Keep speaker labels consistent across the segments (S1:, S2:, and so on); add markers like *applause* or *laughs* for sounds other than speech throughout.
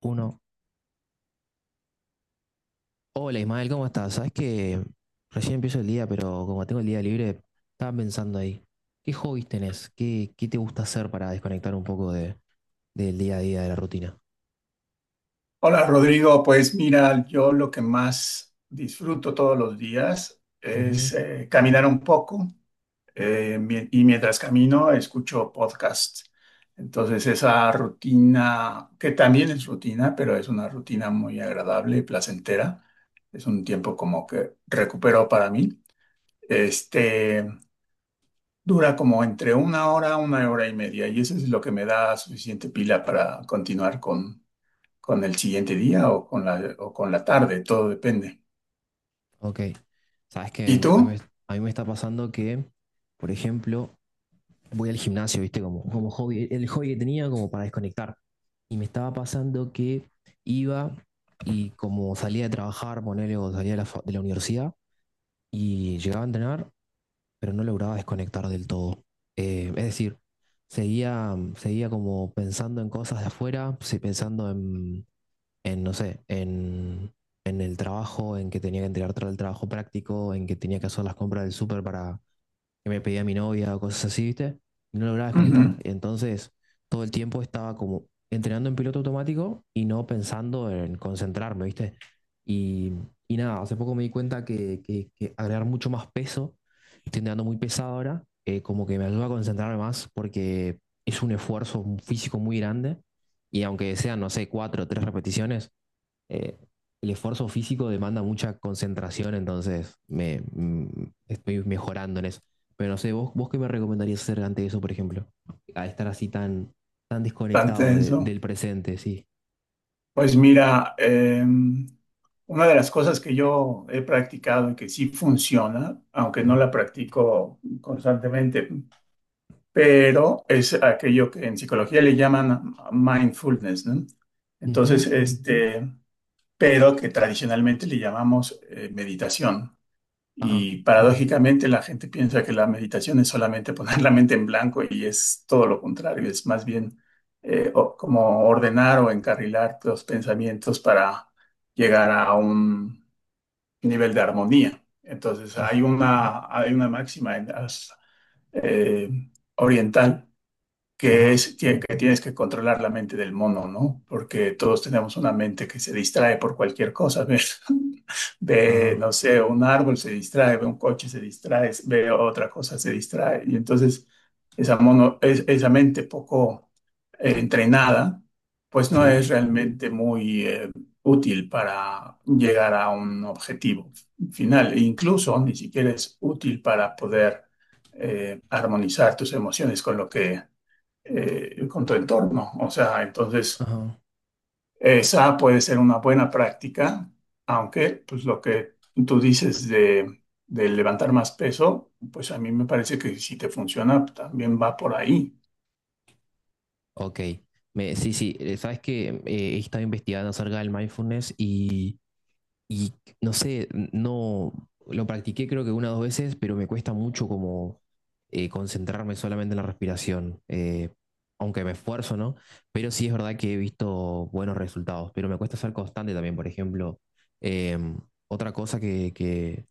S1: Uno. Hola Ismael, ¿cómo estás? Sabes que recién empiezo el día, pero como tengo el día libre, estaba pensando ahí. ¿Qué hobbies tenés? ¿Qué te gusta hacer para desconectar un poco del día a día, de la rutina?
S2: Hola Rodrigo, pues mira, yo lo que más disfruto todos los días
S1: Ujú.
S2: es caminar un poco y mientras camino escucho podcasts. Entonces esa rutina, que también es rutina, pero es una rutina muy agradable y placentera, es un tiempo como que recupero para mí, este, dura como entre una hora y media y eso es lo que me da suficiente pila para continuar con el siguiente día o con la tarde, todo depende.
S1: Ok. Sabes que
S2: ¿Y
S1: me- a mí,
S2: tú?
S1: me a mí me está pasando que, por ejemplo, voy al gimnasio, ¿viste? Como hobby, el hobby que tenía como para desconectar. Y me estaba pasando que iba y como salía de trabajar, ponele, o salía de la de la universidad y llegaba a entrenar pero no lograba desconectar del todo. Es decir, seguía como pensando en cosas de afuera, sí, pensando no sé, en el trabajo, en que tenía que entregar el trabajo práctico, en que tenía que hacer las compras del súper para, que me pedía mi novia o cosas así, ¿viste? Y no lograba desconectar.
S2: Ujú,
S1: Entonces, todo el tiempo estaba como entrenando en piloto automático y no pensando en concentrarme, ¿viste? Y, y nada, hace poco me di cuenta que agregar mucho más peso, estoy entrenando muy pesado ahora, como que me ayuda a concentrarme más porque es un esfuerzo físico muy grande y aunque sean, no sé, cuatro o tres repeticiones, eh, el esfuerzo físico demanda mucha concentración, entonces estoy mejorando en eso. Pero no sé, ¿vos qué me recomendarías hacer ante eso, por ejemplo? A estar así tan, tan
S2: tan
S1: desconectado
S2: tenso.
S1: del presente, sí.
S2: Pues mira, una de las cosas que yo he practicado y que sí funciona, aunque no
S1: Ujú,
S2: la practico constantemente, pero es aquello que en psicología le llaman mindfulness, ¿no?
S1: ujú.
S2: Entonces, este, pero que tradicionalmente le llamamos meditación.
S1: Ajá,
S2: Y paradójicamente la gente piensa que la meditación es solamente *laughs* poner la mente en blanco y es todo lo contrario, es más bien como ordenar o encarrilar los pensamientos para llegar a un nivel de armonía. Entonces hay
S1: ah,
S2: una, hay una máxima en las, eh, oriental que
S1: ajá,
S2: es que tienes que controlar la mente del mono, ¿no? Porque todos tenemos una mente que se distrae por cualquier cosa, ¿ves? *laughs* Ve,
S1: ajá.
S2: no sé, un árbol se distrae, ve un coche se distrae, ve otra cosa se distrae. Y entonces esa mono, esa mente poco entrenada, pues no
S1: Sí.
S2: es realmente muy útil para llegar a un objetivo final. E incluso ni siquiera es útil para poder armonizar tus emociones con lo que con tu entorno. O sea, entonces,
S1: Ajá.
S2: esa puede ser una buena práctica, aunque pues lo que tú dices de levantar más peso, pues a mí me parece que si te funciona, también va por ahí.
S1: Ok. Sí, sí, sabes que he estado investigando acerca del mindfulness y no sé, no lo practiqué creo que una o dos veces, pero me cuesta mucho como concentrarme solamente en la respiración, aunque me esfuerzo, ¿no? Pero sí es verdad que he visto buenos resultados, pero me cuesta ser constante también, por ejemplo. eh, otra cosa que, que,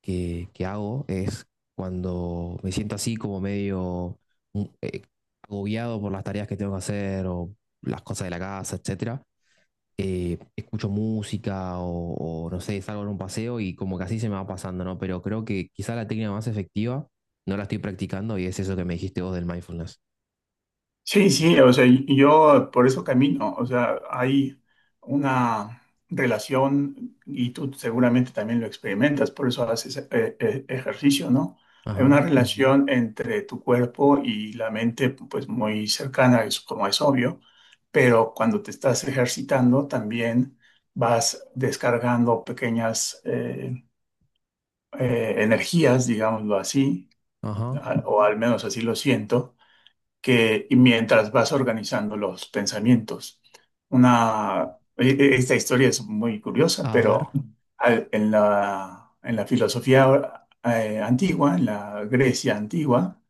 S1: que, que hago es cuando me siento así como medio mm, eh, agobiado por las tareas que tengo que hacer o las cosas de la casa, etcétera, escucho música o no sé, salgo en un paseo y como que así se me va pasando, ¿no? Pero creo que quizá la técnica más efectiva no la estoy practicando y es eso que me dijiste vos del mindfulness.
S2: Sí, sí, o sea, y yo por eso camino, o sea, hay una relación y tú seguramente también lo experimentas, por eso haces ejercicio, ¿no? Hay una.
S1: Ajá,
S2: Ujú. Relación entre tu cuerpo y la mente, pues muy cercana, es como es obvio, pero cuando te estás ejercitando también vas descargando pequeñas energías, digámoslo así,
S1: ajá.
S2: o al menos así lo siento que y mientras vas organizando los pensamientos. Esta historia es muy curiosa,
S1: A ver,
S2: pero en la filosofía antigua, en la Grecia antigua,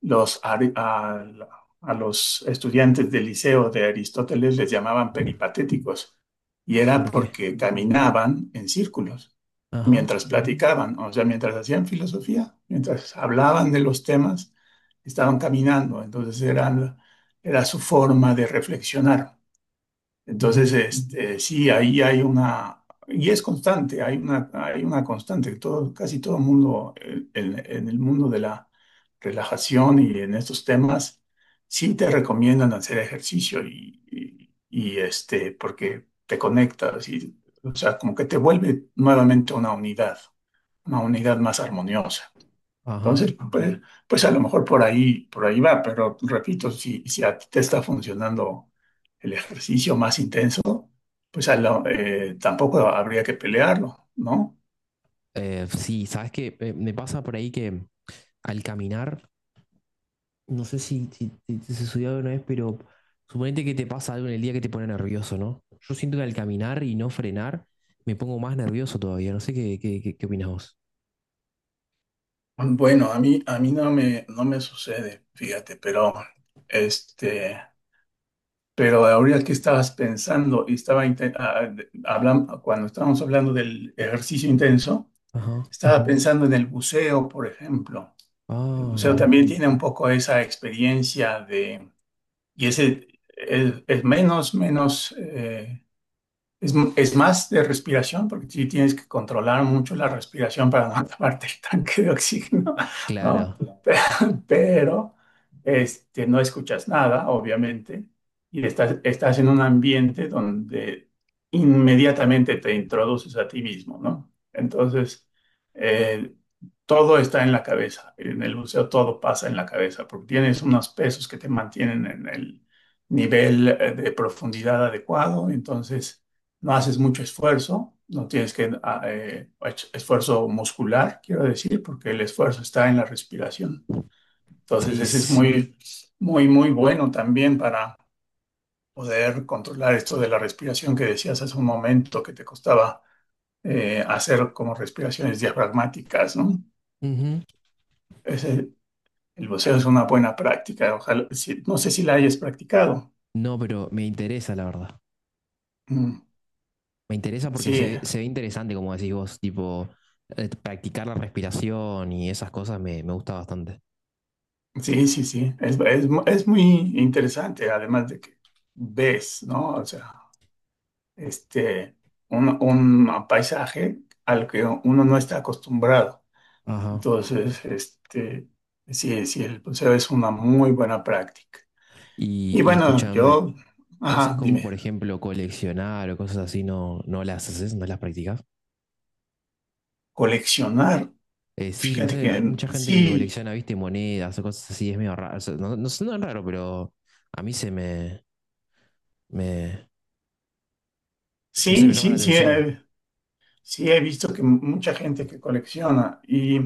S2: los, ari- a, a los estudiantes del liceo de Aristóteles les llamaban peripatéticos, y era
S1: ¿por qué?
S2: porque caminaban en círculos
S1: Ajá,
S2: mientras platicaban, o sea, mientras hacían filosofía, mientras hablaban de los temas estaban caminando, entonces era su forma de reflexionar.
S1: ujú,
S2: Sí, ahí hay una, y es constante, hay una constante, todo, casi todo el mundo en el mundo de la relajación y en estos temas, sí te recomiendan hacer ejercicio porque te conectas y, o sea, como que te vuelve nuevamente una unidad más armoniosa.
S1: ajá.
S2: Entonces, pues, pues a lo mejor por ahí va, pero repito, si, si a ti te está funcionando el ejercicio más intenso, pues tampoco habría que pelearlo, ¿no?
S1: Sí, sabes que me pasa por ahí que al caminar, no sé si se subió alguna vez, pero suponete que te pasa algo en el día que te pone nervioso, ¿no? Yo siento que al caminar y no frenar me pongo más nervioso todavía. No sé qué opinás vos.
S2: Bueno, a mí no me, no me sucede, fíjate, pero este, pero ahorita que estabas pensando y estaba cuando estábamos hablando del ejercicio intenso,
S1: Ajá.
S2: estaba. Ujú. Pensando en el buceo, por ejemplo. El
S1: Ah,
S2: buceo
S1: mira.
S2: también tiene un poco esa experiencia. Y ese es menos, es más de respiración, porque sí tienes que controlar mucho la respiración para no *laughs* acabarte el tanque de oxígeno, ¿no?
S1: Claro.
S2: Pero, *laughs* pero, no escuchas nada, obviamente, y estás en un ambiente donde inmediatamente te introduces a ti mismo, ¿no? Entonces, eh, todo está en la cabeza. En el buceo todo pasa en la cabeza, porque tienes unos pesos que te mantienen en el nivel de profundidad adecuado, entonces no haces mucho esfuerzo, no tienes que esfuerzo muscular, quiero decir, porque el esfuerzo está en la respiración. Entonces,
S1: Sí,
S2: ese es
S1: sí.
S2: muy, muy bueno también para poder controlar esto de la respiración que decías hace un momento que te costaba hacer como respiraciones diafragmáticas, ¿no?
S1: Ujú.
S2: Ese- el buceo es una buena práctica, ojalá, no sé si la hayas practicado.
S1: No, pero me interesa, la verdad.
S2: Mm,
S1: Me interesa porque
S2: sí,
S1: se ve interesante, como decís vos, tipo, practicar la respiración y esas cosas me gusta bastante.
S2: sí, sí, sí, es muy interesante, además de que ves, ¿no? O sea, este, un paisaje al que uno no está acostumbrado.
S1: Ajá.
S2: Entonces, este, sí, sí, el buceo es una muy buena práctica. Y
S1: Y
S2: bueno,
S1: escuchame,
S2: yo,
S1: cosas
S2: ajá,
S1: como,
S2: dime,
S1: por ejemplo, coleccionar o cosas así, ¿no, no las haces, no las practicas?
S2: coleccionar,
S1: Sí, no
S2: fíjate
S1: sé, hay
S2: que
S1: mucha gente que
S2: sí,
S1: colecciona, viste, monedas o cosas así, es medio raro. O sea, sé, no es raro, pero a mí me, no sé, me
S2: sí,
S1: llama la
S2: sí, sí,
S1: atención.
S2: sí he visto que mucha gente que colecciona y...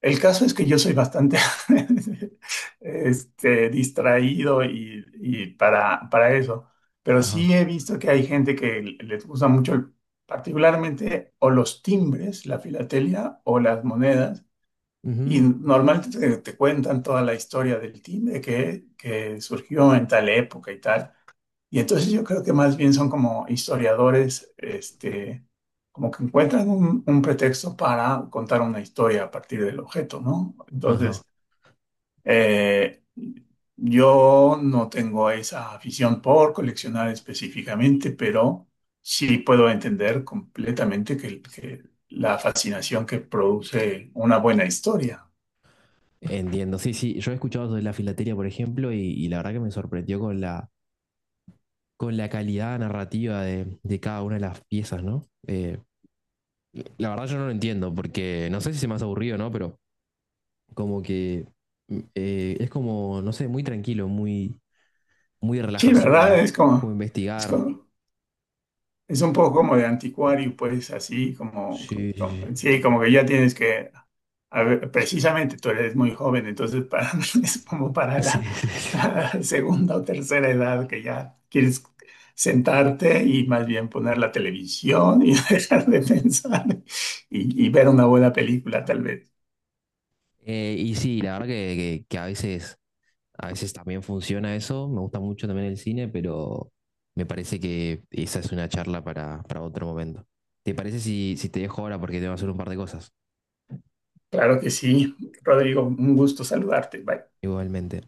S2: El caso es que yo soy bastante *laughs* distraído y para eso, pero
S1: Ajá.
S2: sí he visto que hay gente que les gusta mucho, particularmente o los timbres, la filatelia o las monedas, y
S1: Ujú.
S2: normalmente te cuentan toda la historia del timbre que surgió en tal época y tal. Y entonces yo creo que más bien son como historiadores, como que encuentran un pretexto para contar una historia a partir del objeto, ¿no?
S1: Ajá,
S2: Entonces, eh, yo no tengo esa afición por coleccionar específicamente, pero sí puedo entender completamente que la fascinación que produce una buena historia.
S1: entiendo. Sí, sí, yo he escuchado de la filatelia por ejemplo, y la verdad que me sorprendió con la calidad narrativa de cada una de las piezas, ¿no? La verdad yo no lo entiendo, porque no sé si se me hace aburrido, ¿no? Pero como que es como, no sé, muy tranquilo, muy, muy de
S2: Sí, ¿verdad?
S1: relajación,
S2: Es
S1: como
S2: como, es
S1: investigar.
S2: como Es un poco como de anticuario, pues así como,
S1: Sí,
S2: sí, como que ya tienes que, a ver, precisamente tú eres muy joven, entonces para, *laughs* es como para
S1: sí,
S2: la,
S1: sí. *laughs* Sí, sí, sí.
S2: la segunda o tercera edad que ya quieres sentarte y más bien poner la televisión y *laughs* dejar de pensar y ver una buena película tal vez.
S1: Y sí, la verdad que a veces a veces también funciona eso, me gusta mucho también el cine, pero me parece que esa es una charla para otro momento. ¿Te parece si, si te dejo ahora porque tengo que hacer un par de cosas?
S2: Claro que sí, Rodrigo, un gusto saludarte. Bye.
S1: Igualmente.